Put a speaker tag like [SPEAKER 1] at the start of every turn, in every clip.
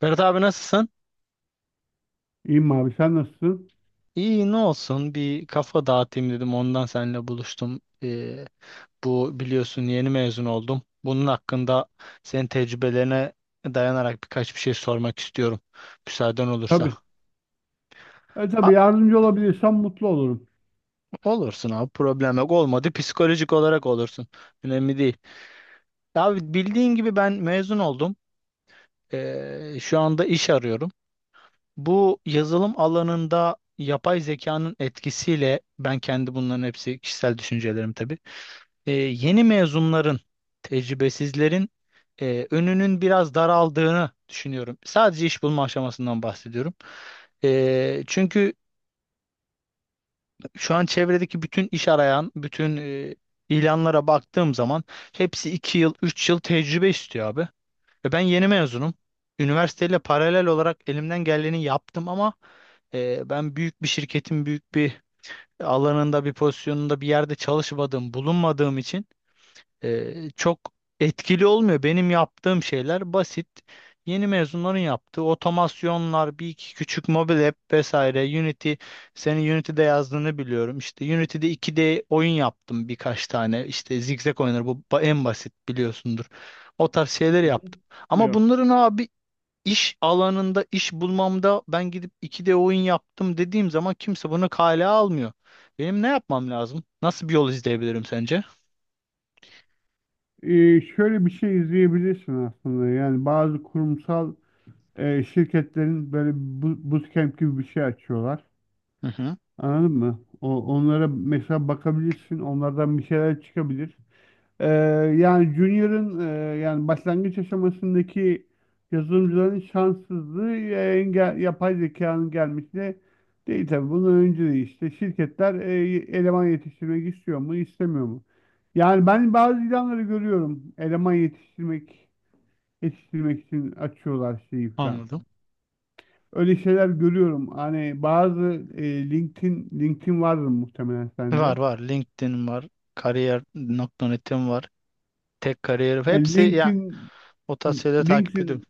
[SPEAKER 1] Ferhat abi, nasılsın?
[SPEAKER 2] İyiyim abi sen nasılsın?
[SPEAKER 1] İyi, ne olsun, bir kafa dağıtayım dedim, ondan seninle buluştum. Bu biliyorsun yeni mezun oldum. Bunun hakkında senin tecrübelerine dayanarak birkaç bir şey sormak istiyorum. Müsaaden olursa.
[SPEAKER 2] Tabii. E
[SPEAKER 1] Ha,
[SPEAKER 2] tabii yardımcı olabilirsem mutlu olurum.
[SPEAKER 1] olursun abi, problem yok, olmadı psikolojik olarak olursun. Önemli değil. Abi bildiğin gibi ben mezun oldum. Şu anda iş arıyorum. Bu yazılım alanında yapay zekanın etkisiyle ben kendi, bunların hepsi kişisel düşüncelerim tabii. Yeni mezunların, tecrübesizlerin önünün biraz daraldığını düşünüyorum. Sadece iş bulma aşamasından bahsediyorum. Çünkü şu an çevredeki bütün iş arayan, bütün ilanlara baktığım zaman hepsi 2 yıl, 3 yıl tecrübe istiyor abi. Ve ben yeni mezunum. Üniversiteyle paralel olarak elimden geleni yaptım ama ben büyük bir şirketin büyük bir alanında, bir pozisyonunda, bir yerde çalışmadığım, bulunmadığım için çok etkili olmuyor. Benim yaptığım şeyler basit. Yeni mezunların yaptığı otomasyonlar, bir iki küçük mobil app vesaire. Unity, senin Unity'de yazdığını biliyorum. İşte Unity'de 2D oyun yaptım birkaç tane. İşte zigzag oyunları, en basit, biliyorsundur. O tarz şeyler
[SPEAKER 2] Hı hı.
[SPEAKER 1] yaptım. Ama
[SPEAKER 2] Yok.
[SPEAKER 1] bunların abi iş alanında, iş bulmamda, ben gidip 2D oyun yaptım dediğim zaman kimse bunu kale almıyor. Benim ne yapmam lazım? Nasıl bir yol izleyebilirim sence?
[SPEAKER 2] E, şöyle bir şey izleyebilirsin aslında. Yani bazı kurumsal şirketlerin böyle bootcamp gibi bir şey açıyorlar.
[SPEAKER 1] Hı hı,
[SPEAKER 2] Anladın mı? Onlara mesela bakabilirsin. Onlardan bir şeyler çıkabilir. Ee, Yani Junior'ın yani başlangıç aşamasındaki yazılımcıların şanssızlığı yapay zekanın gelmesi değil tabii. Bundan önce de işte şirketler eleman yetiştirmek istiyor mu, istemiyor mu? Yani ben bazı ilanları görüyorum. Eleman yetiştirmek için açıyorlar şeyi falan.
[SPEAKER 1] anladım.
[SPEAKER 2] Öyle şeyler görüyorum. Hani bazı LinkedIn vardır muhtemelen
[SPEAKER 1] Var
[SPEAKER 2] sende.
[SPEAKER 1] var. LinkedIn var. Kariyer.net'im var. Tek kariyer.
[SPEAKER 2] Yani
[SPEAKER 1] Hepsi ya
[SPEAKER 2] LinkedIn
[SPEAKER 1] o tarz şeyleri takip
[SPEAKER 2] LinkedIn
[SPEAKER 1] ediyorum.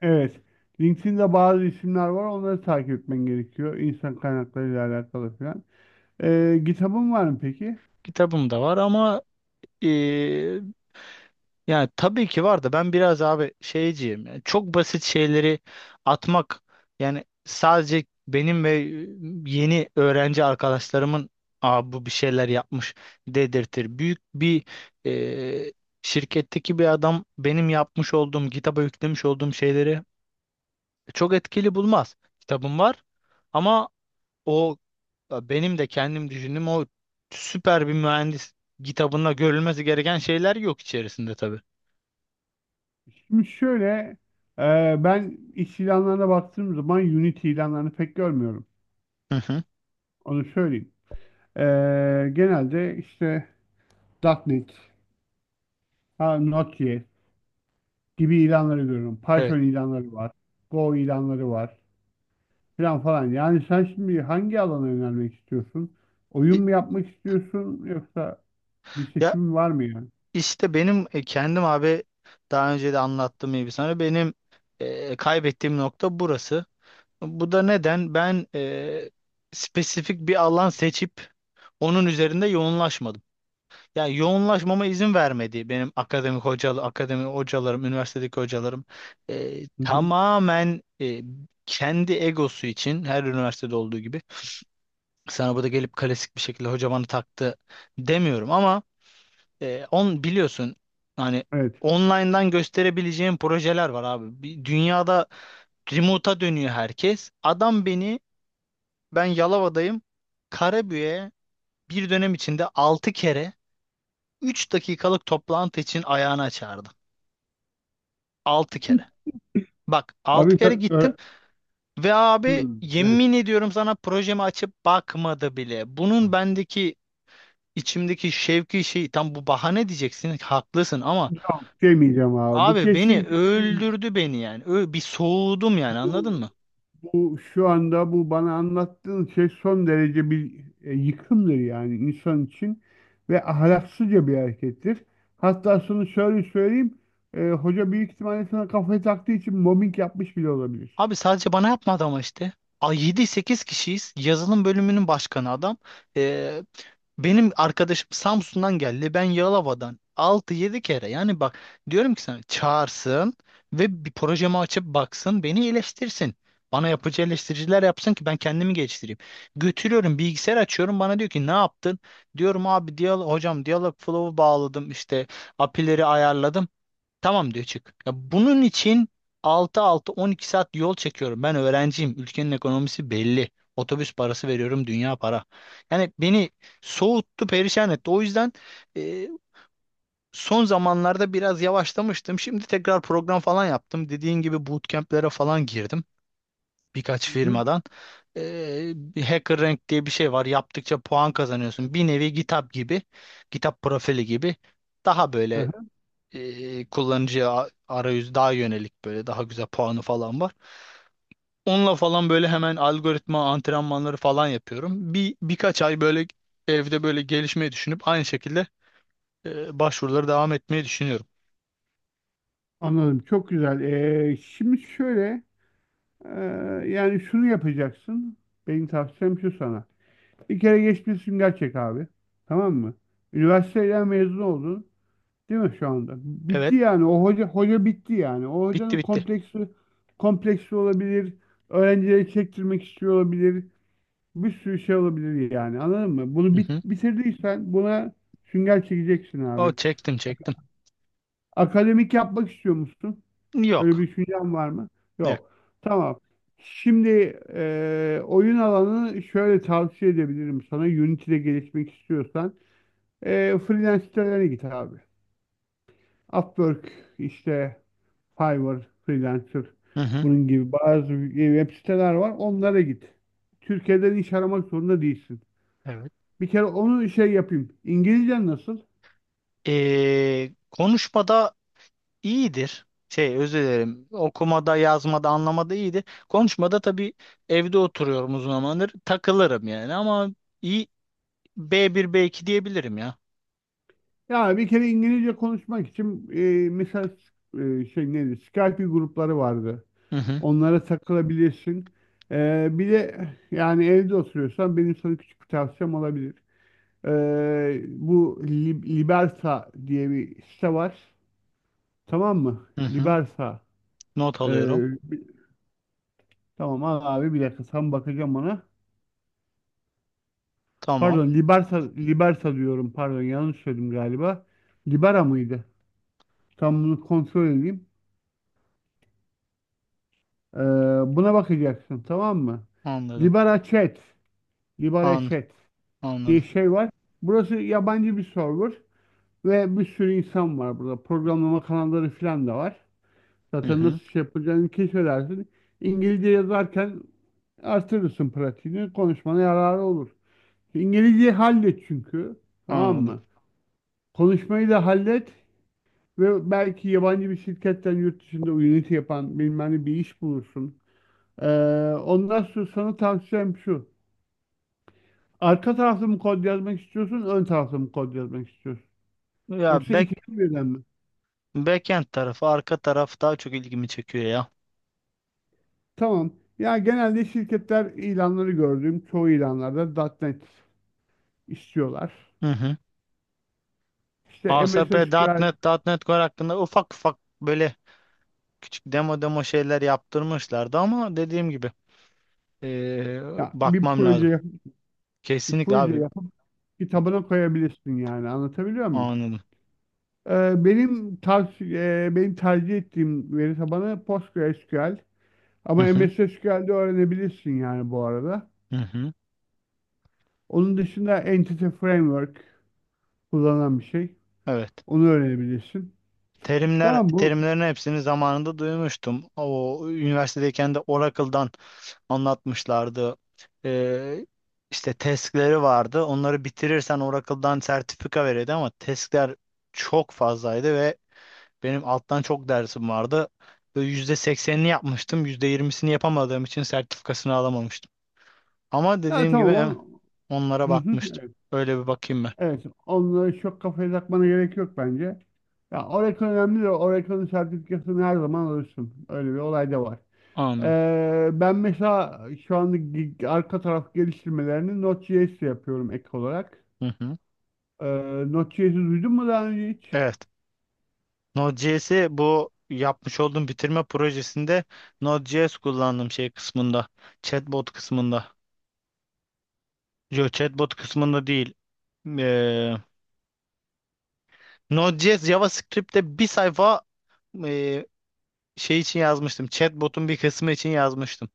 [SPEAKER 2] Evet. LinkedIn'de bazı isimler var. Onları takip etmen gerekiyor. İnsan kaynaklarıyla alakalı falan. Kitabın var mı peki?
[SPEAKER 1] Kitabım da var ama e, yani tabii ki var da ben biraz abi şeyciyim. Yani çok basit şeyleri atmak, yani sadece benim ve yeni öğrenci arkadaşlarımın, "Aa, bu bir şeyler yapmış" dedirtir. Büyük bir e, şirketteki bir adam benim yapmış olduğum, kitaba yüklemiş olduğum şeyleri çok etkili bulmaz. Kitabım var ama o benim de kendim düşündüğüm o süper bir mühendis kitabında görülmesi gereken şeyler yok içerisinde tabii.
[SPEAKER 2] Şimdi şöyle e, ben iş ilanlarına baktığım zaman Unity ilanlarını pek görmüyorum.
[SPEAKER 1] Hı hı.
[SPEAKER 2] Onu söyleyeyim. Ee, Genelde işte .nokta .NET, ha, Node.js gibi ilanları görüyorum.
[SPEAKER 1] Evet.
[SPEAKER 2] Python ilanları var. Go ilanları var. Falan falan. Yani sen şimdi hangi alana yönelmek istiyorsun? Oyun
[SPEAKER 1] İ-
[SPEAKER 2] mu yapmak istiyorsun yoksa bir
[SPEAKER 1] Ya
[SPEAKER 2] seçim var mı yani?
[SPEAKER 1] işte benim kendim abi daha önce de anlattığım gibi sana, benim kaybettiğim nokta burası. Bu da neden? Ben spesifik bir alan seçip onun üzerinde yoğunlaşmadım. Ya, yoğunlaşmama izin vermedi benim akademi hocalarım, üniversitedeki hocalarım.
[SPEAKER 2] Hı hı.
[SPEAKER 1] Tamamen kendi egosu için, her üniversitede olduğu gibi. Sana burada gelip klasik bir şekilde "hoca bana taktı" demiyorum ama e, on biliyorsun, hani
[SPEAKER 2] Evet.
[SPEAKER 1] online'dan gösterebileceğim projeler var abi. Dünyada remote'a dönüyor herkes. Adam beni, ben Yalova'dayım, Karabük'e bir dönem içinde 6 kere, 3 dakikalık toplantı için ayağına çağırdı. 6 kere. Bak, 6
[SPEAKER 2] Abi
[SPEAKER 1] kere
[SPEAKER 2] sen
[SPEAKER 1] gittim
[SPEAKER 2] öğre-
[SPEAKER 1] ve abi,
[SPEAKER 2] Hmm, evet.
[SPEAKER 1] yemin ediyorum sana, projemi açıp bakmadı bile. Bunun bendeki, içimdeki şevki, şey, tam bu, "bahane" diyeceksin, haklısın ama
[SPEAKER 2] Yok demeyeceğim abi. Bu
[SPEAKER 1] abi beni
[SPEAKER 2] kesinlikle bir,
[SPEAKER 1] öldürdü beni yani. Bir soğudum yani,
[SPEAKER 2] bu,
[SPEAKER 1] anladın mı?
[SPEAKER 2] bu şu anda bu bana anlattığın şey son derece bir yıkımdır yani insan için ve ahlaksızca bir harekettir. Hatta şunu şöyle söyleyeyim. E, hoca büyük ihtimalle sana kafayı taktığı için mobbing yapmış bile olabilir.
[SPEAKER 1] Abi sadece bana yapmadı ama işte. A, yedi sekiz kişiyiz. Yazılım bölümünün başkanı adam. Ee, Benim arkadaşım Samsun'dan geldi. Ben Yalova'dan. 6-7 kere. Yani bak, diyorum ki, sana çağırsın ve bir projemi açıp baksın, beni eleştirsin. Bana yapıcı eleştiriciler yapsın ki ben kendimi geliştireyim. Götürüyorum, bilgisayar açıyorum, bana diyor ki "ne yaptın?" Diyorum, "abi hocam, diyalog flow'u bağladım, işte apileri ayarladım." "Tamam" diyor, "çık." Ya, bunun için 6-6-12 saat yol çekiyorum. Ben öğrenciyim. Ülkenin ekonomisi belli. Otobüs parası veriyorum. Dünya para. Yani beni soğuttu, perişan etti. O yüzden e, son zamanlarda biraz yavaşlamıştım. Şimdi tekrar program falan yaptım. Dediğin gibi bootcamp'lere falan girdim. Birkaç
[SPEAKER 2] Hı hı.
[SPEAKER 1] firmadan. Bir Hacker Rank diye bir şey var. Yaptıkça puan kazanıyorsun.
[SPEAKER 2] Evet.
[SPEAKER 1] Bir nevi GitHub gibi. GitHub profili gibi. Daha
[SPEAKER 2] Hı
[SPEAKER 1] böyle
[SPEAKER 2] hı.
[SPEAKER 1] kullanıcıya arayüz daha yönelik, böyle daha güzel puanı falan var. Onunla falan böyle hemen algoritma antrenmanları falan yapıyorum. Birkaç ay böyle evde böyle gelişmeyi düşünüp aynı şekilde başvuruları devam etmeyi düşünüyorum.
[SPEAKER 2] Anladım. Çok güzel. E, şimdi şöyle e, yani şunu yapacaksın. Benim tavsiyem şu sana. Bir kere geçmiş sünger çek abi. Tamam mı? Üniversiteden mezun oldun. Değil mi şu anda? Bitti
[SPEAKER 1] Evet,
[SPEAKER 2] yani. O hoca bitti yani. O
[SPEAKER 1] bitti
[SPEAKER 2] hocanın
[SPEAKER 1] bitti.
[SPEAKER 2] kompleksi olabilir. Öğrencileri çektirmek istiyor olabilir. Bir sürü şey olabilir yani. Anladın mı?
[SPEAKER 1] Hı
[SPEAKER 2] Bunu bit-
[SPEAKER 1] hı.
[SPEAKER 2] bitirdiysen buna sünger çekeceksin
[SPEAKER 1] O,
[SPEAKER 2] abi.
[SPEAKER 1] çektim çektim.
[SPEAKER 2] Akademik yapmak istiyor musun? Öyle
[SPEAKER 1] Yok.
[SPEAKER 2] bir düşüncen var mı?
[SPEAKER 1] Yok.
[SPEAKER 2] Yok. Tamam. Şimdi oyun alanını şöyle tavsiye edebilirim sana. Unity'de gelişmek istiyorsan. Freelance sitelerine git abi. Upwork, işte Fiverr, Freelancer
[SPEAKER 1] Hı hı.
[SPEAKER 2] bunun gibi bazı web siteler var. Onlara git. Türkiye'den iş aramak zorunda değilsin.
[SPEAKER 1] Evet.
[SPEAKER 2] Bir kere onu şey yapayım. İngilizcen nasıl?
[SPEAKER 1] Konuşmada iyidir. Şey, özür dilerim, okumada, yazmada, anlamada iyidir. Konuşmada tabii, evde oturuyorum uzun zamandır, takılırım yani ama iyi, B1 B2 diyebilirim ya.
[SPEAKER 2] Ya bir kere İngilizce konuşmak için mesela şey neydi? Skype grupları vardı.
[SPEAKER 1] Hı hı.
[SPEAKER 2] Onlara takılabilirsin. Bir de yani evde oturuyorsan benim sana küçük bir tavsiyem olabilir. Bu Liberta diye bir site var. Tamam mı?
[SPEAKER 1] Hı hı.
[SPEAKER 2] Liberta.
[SPEAKER 1] Not
[SPEAKER 2] Ee,
[SPEAKER 1] alıyorum.
[SPEAKER 2] bi- tamam al abi bir dakika tam bakacağım ona.
[SPEAKER 1] Tamam.
[SPEAKER 2] Pardon Liberta, Liberta diyorum, pardon yanlış söyledim galiba. Libera mıydı? Tam bunu kontrol edeyim. Ee, Buna bakacaksın, tamam mı?
[SPEAKER 1] Anladım.
[SPEAKER 2] Libera Chat. Libera
[SPEAKER 1] An
[SPEAKER 2] Chat diye
[SPEAKER 1] Anladım.
[SPEAKER 2] şey var. Burası yabancı bir server ve bir sürü insan var burada. Programlama kanalları falan da var.
[SPEAKER 1] Hı
[SPEAKER 2] Zaten nasıl
[SPEAKER 1] hı.
[SPEAKER 2] şey yapacağını keşfedersin. İngilizce yazarken artırırsın pratiğini. Konuşmana yararı olur. İngilizceyi hallet çünkü. Tamam
[SPEAKER 1] Anladım.
[SPEAKER 2] mı? Konuşmayı da hallet ve belki yabancı bir şirketten yurt dışında Unity yapan bilmem ne bir iş bulursun. Ee, Ondan sonra sana tavsiyem şu. Arka tarafta mı kod yazmak istiyorsun, ön tarafta mı kod yazmak istiyorsun?
[SPEAKER 1] Ya,
[SPEAKER 2] Yoksa ikisi birden mi?
[SPEAKER 1] backend tarafı, arka taraf daha çok ilgimi çekiyor ya.
[SPEAKER 2] Tamam. Ya genelde şirketler ilanları gördüğüm çoğu ilanlarda .nokta .NET istiyorlar.
[SPEAKER 1] Hı hı.
[SPEAKER 2] İşte MS
[SPEAKER 1] ASP.NET,
[SPEAKER 2] SQL,
[SPEAKER 1] .NET nokta net Core hakkında ufak ufak böyle küçük demo demo şeyler yaptırmışlardı ama dediğim gibi Ee,
[SPEAKER 2] ya
[SPEAKER 1] bakmam lazım.
[SPEAKER 2] bir
[SPEAKER 1] Kesinlikle
[SPEAKER 2] proje
[SPEAKER 1] abi,
[SPEAKER 2] yapıp kitabına koyabilirsin, yani anlatabiliyor muyum?
[SPEAKER 1] anladım.
[SPEAKER 2] Benim tercih ettiğim veri tabanı PostgreSQL ama
[SPEAKER 1] Hı hı,
[SPEAKER 2] M S MS SQL'de öğrenebilirsin yani bu arada.
[SPEAKER 1] hı hı.
[SPEAKER 2] Onun dışında Entity Framework kullanan bir şey.
[SPEAKER 1] Evet.
[SPEAKER 2] Onu öğrenebilirsin.
[SPEAKER 1] Terimler,
[SPEAKER 2] Tamam bu,
[SPEAKER 1] terimlerin hepsini zamanında duymuştum. O üniversitedeyken de Oracle'dan anlatmışlardı. Ee, işte testleri vardı. Onları bitirirsen Oracle'dan sertifika veriyordu ama testler çok fazlaydı ve benim alttan çok dersim vardı. Ve %80'ini yapmıştım. %20'sini yapamadığım için sertifikasını alamamıştım. Ama
[SPEAKER 2] ya
[SPEAKER 1] dediğim gibi
[SPEAKER 2] tamam on...
[SPEAKER 1] onlara
[SPEAKER 2] Hı hı,
[SPEAKER 1] bakmıştım. Öyle bir bakayım ben.
[SPEAKER 2] evet, onları çok kafaya takmana gerek yok bence. Ya Oracle önemli de Oracle'ın sertifikasını her zaman alırsın. Öyle bir olay da var.
[SPEAKER 1] Anladım.
[SPEAKER 2] Ben mesela şu anda arka taraf geliştirmelerini Node.js ile yapıyorum ek olarak.
[SPEAKER 1] Hı hı.
[SPEAKER 2] Ee, Node.js'i duydun mu daha önce hiç?
[SPEAKER 1] Evet. Node.js'i bu yapmış olduğum bitirme projesinde, Node.js kullandım şey kısmında. Chatbot kısmında. Yo, chatbot kısmında değil. Ee, Node.js, JavaScript'te bir sayfa e, şey için yazmıştım. Chatbot'un bir kısmı için yazmıştım.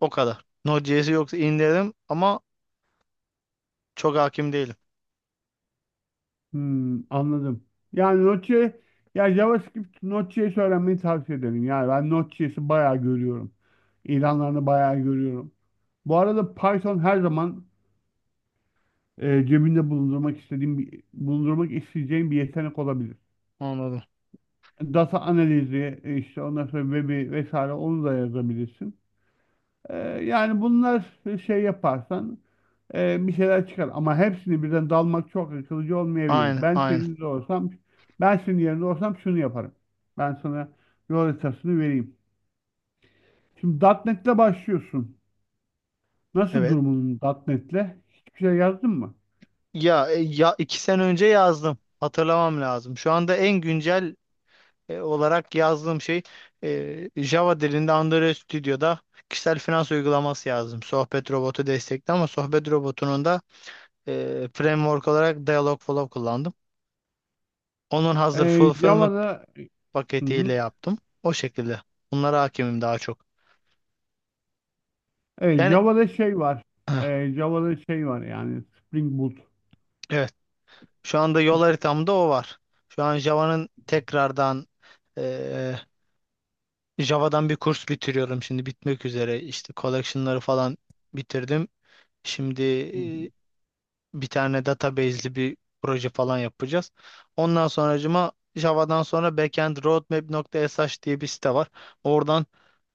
[SPEAKER 1] O kadar. Node.js'i yoksa indirdim ama çok hakim değilim.
[SPEAKER 2] Anladım. Yani Node.js, ya JavaScript, Node.js öğrenmeyi tavsiye ederim. Yani ben Node.js'i bayağı görüyorum. İlanlarını bayağı görüyorum. Bu arada Python her zaman cebinde bulundurmak isteyeceğim bir yetenek olabilir.
[SPEAKER 1] Anladım.
[SPEAKER 2] Data analizi, işte ondan sonra web'i vesaire onu da yazabilirsin. E, yani bunlar şey yaparsan bir şeyler çıkar. Ama hepsini birden dalmak çok akılcı olmayabilir.
[SPEAKER 1] Aynen, aynen.
[SPEAKER 2] Ben senin yerinde olsam şunu yaparım. Ben sana yol haritasını vereyim. Şimdi .nokta .NET'le başlıyorsun. Nasıl
[SPEAKER 1] Evet.
[SPEAKER 2] durumun .nokta .NET'le? Hiçbir şey yazdın mı?
[SPEAKER 1] Ya, 2 sene önce yazdım. Hatırlamam lazım. Şu anda en güncel olarak yazdığım şey Java dilinde, Android Studio'da kişisel finans uygulaması yazdım. Sohbet robotu destekli ama sohbet robotunun da framework olarak Dialogflow kullandım. Onun hazır
[SPEAKER 2] E,
[SPEAKER 1] fulfillment
[SPEAKER 2] Java'da. Hı
[SPEAKER 1] paketiyle
[SPEAKER 2] hı.
[SPEAKER 1] yaptım, o şekilde. Bunlara hakimim daha çok.
[SPEAKER 2] Evet,
[SPEAKER 1] Yani
[SPEAKER 2] Java'da şey var. Java'da şey var yani, Spring Boot.
[SPEAKER 1] evet. Şu anda yol
[SPEAKER 2] Spring.
[SPEAKER 1] haritamda o var. Şu an e, Java'dan bir kurs bitiriyorum, şimdi bitmek üzere. İşte collection'ları falan bitirdim. Şimdi
[SPEAKER 2] Hı hı.
[SPEAKER 1] e, bir tane database'li bir proje falan yapacağız. Ondan sonracıma, Java'dan sonra backendroadmap.sh diye bir site var. Oradan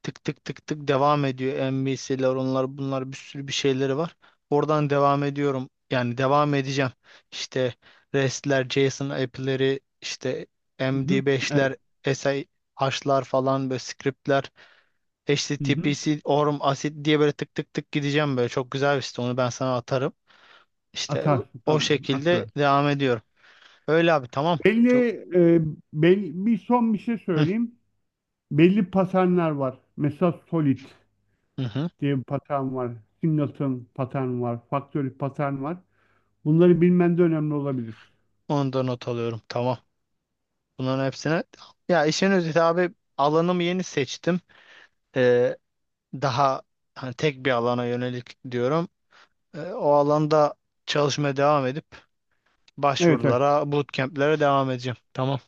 [SPEAKER 1] tık tık tık tık devam ediyor. MVC'ler, onlar bunlar, bir sürü bir şeyleri var. Oradan devam ediyorum, yani devam edeceğim. İşte REST'ler, JSON app'leri, işte
[SPEAKER 2] Hı hı, evet.
[SPEAKER 1] MD5'ler, SI H'lar falan, böyle script'ler,
[SPEAKER 2] Hı hı.
[SPEAKER 1] HTTPS, Orm, Asit diye böyle tık tık tık gideceğim böyle. Çok güzel bir site, onu ben sana atarım. İşte
[SPEAKER 2] Atarsın,
[SPEAKER 1] o
[SPEAKER 2] tamam.
[SPEAKER 1] şekilde
[SPEAKER 2] Atıver.
[SPEAKER 1] devam ediyorum. Öyle abi, tamam. Çok.
[SPEAKER 2] Belli, e, belli bir son bir şey
[SPEAKER 1] Hı
[SPEAKER 2] söyleyeyim. Belli paternler var. Mesela Solid
[SPEAKER 1] hı. Hı.
[SPEAKER 2] diye bir patern var. Singleton patern var. Factory patern var. Bunları bilmen de önemli olabilir.
[SPEAKER 1] Onu da not alıyorum. Tamam. Bunların hepsine. Ya işin özeti abi, alanımı yeni seçtim. Ee, daha hani tek bir alana yönelik diyorum. O alanda çalışmaya devam edip
[SPEAKER 2] Evet, evet.
[SPEAKER 1] başvurulara, bootcamp'lere devam edeceğim. Tamam.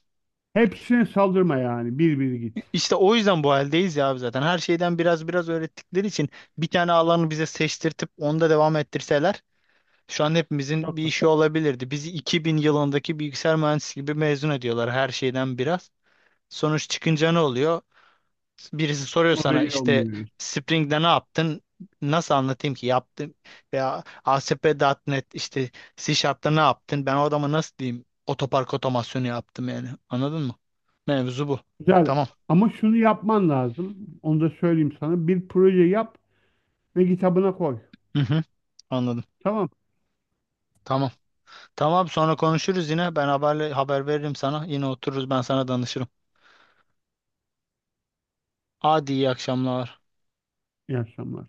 [SPEAKER 2] Hepsine saldırma yani. Bir bir git.
[SPEAKER 1] İşte o yüzden bu haldeyiz ya abi zaten. Her şeyden biraz biraz öğrettikleri için, bir tane alanı bize seçtirtip onda devam ettirseler, şu an hepimizin bir
[SPEAKER 2] Çok da.
[SPEAKER 1] işi olabilirdi. Bizi 2000 yılındaki bilgisayar mühendisi gibi mezun ediyorlar, her şeyden biraz. Sonuç çıkınca ne oluyor? Birisi soruyor
[SPEAKER 2] O da
[SPEAKER 1] sana,
[SPEAKER 2] iyi
[SPEAKER 1] işte
[SPEAKER 2] olmuyor.
[SPEAKER 1] "Spring'de ne yaptın?" Nasıl anlatayım ki yaptım? Veya A S P nokta net, işte C Sharp'ta ne yaptın? Ben o adama nasıl diyeyim? "Otopark otomasyonu yaptım" yani. Anladın mı? Mevzu bu.
[SPEAKER 2] Güzel.
[SPEAKER 1] Tamam.
[SPEAKER 2] Ama şunu yapman lazım. Onu da söyleyeyim sana. Bir proje yap ve kitabına koy.
[SPEAKER 1] Hı hı. Anladım.
[SPEAKER 2] Tamam.
[SPEAKER 1] Tamam. Tamam, sonra konuşuruz yine. Ben haber veririm sana. Yine otururuz, ben sana danışırım. Hadi, iyi akşamlar.
[SPEAKER 2] İyi akşamlar.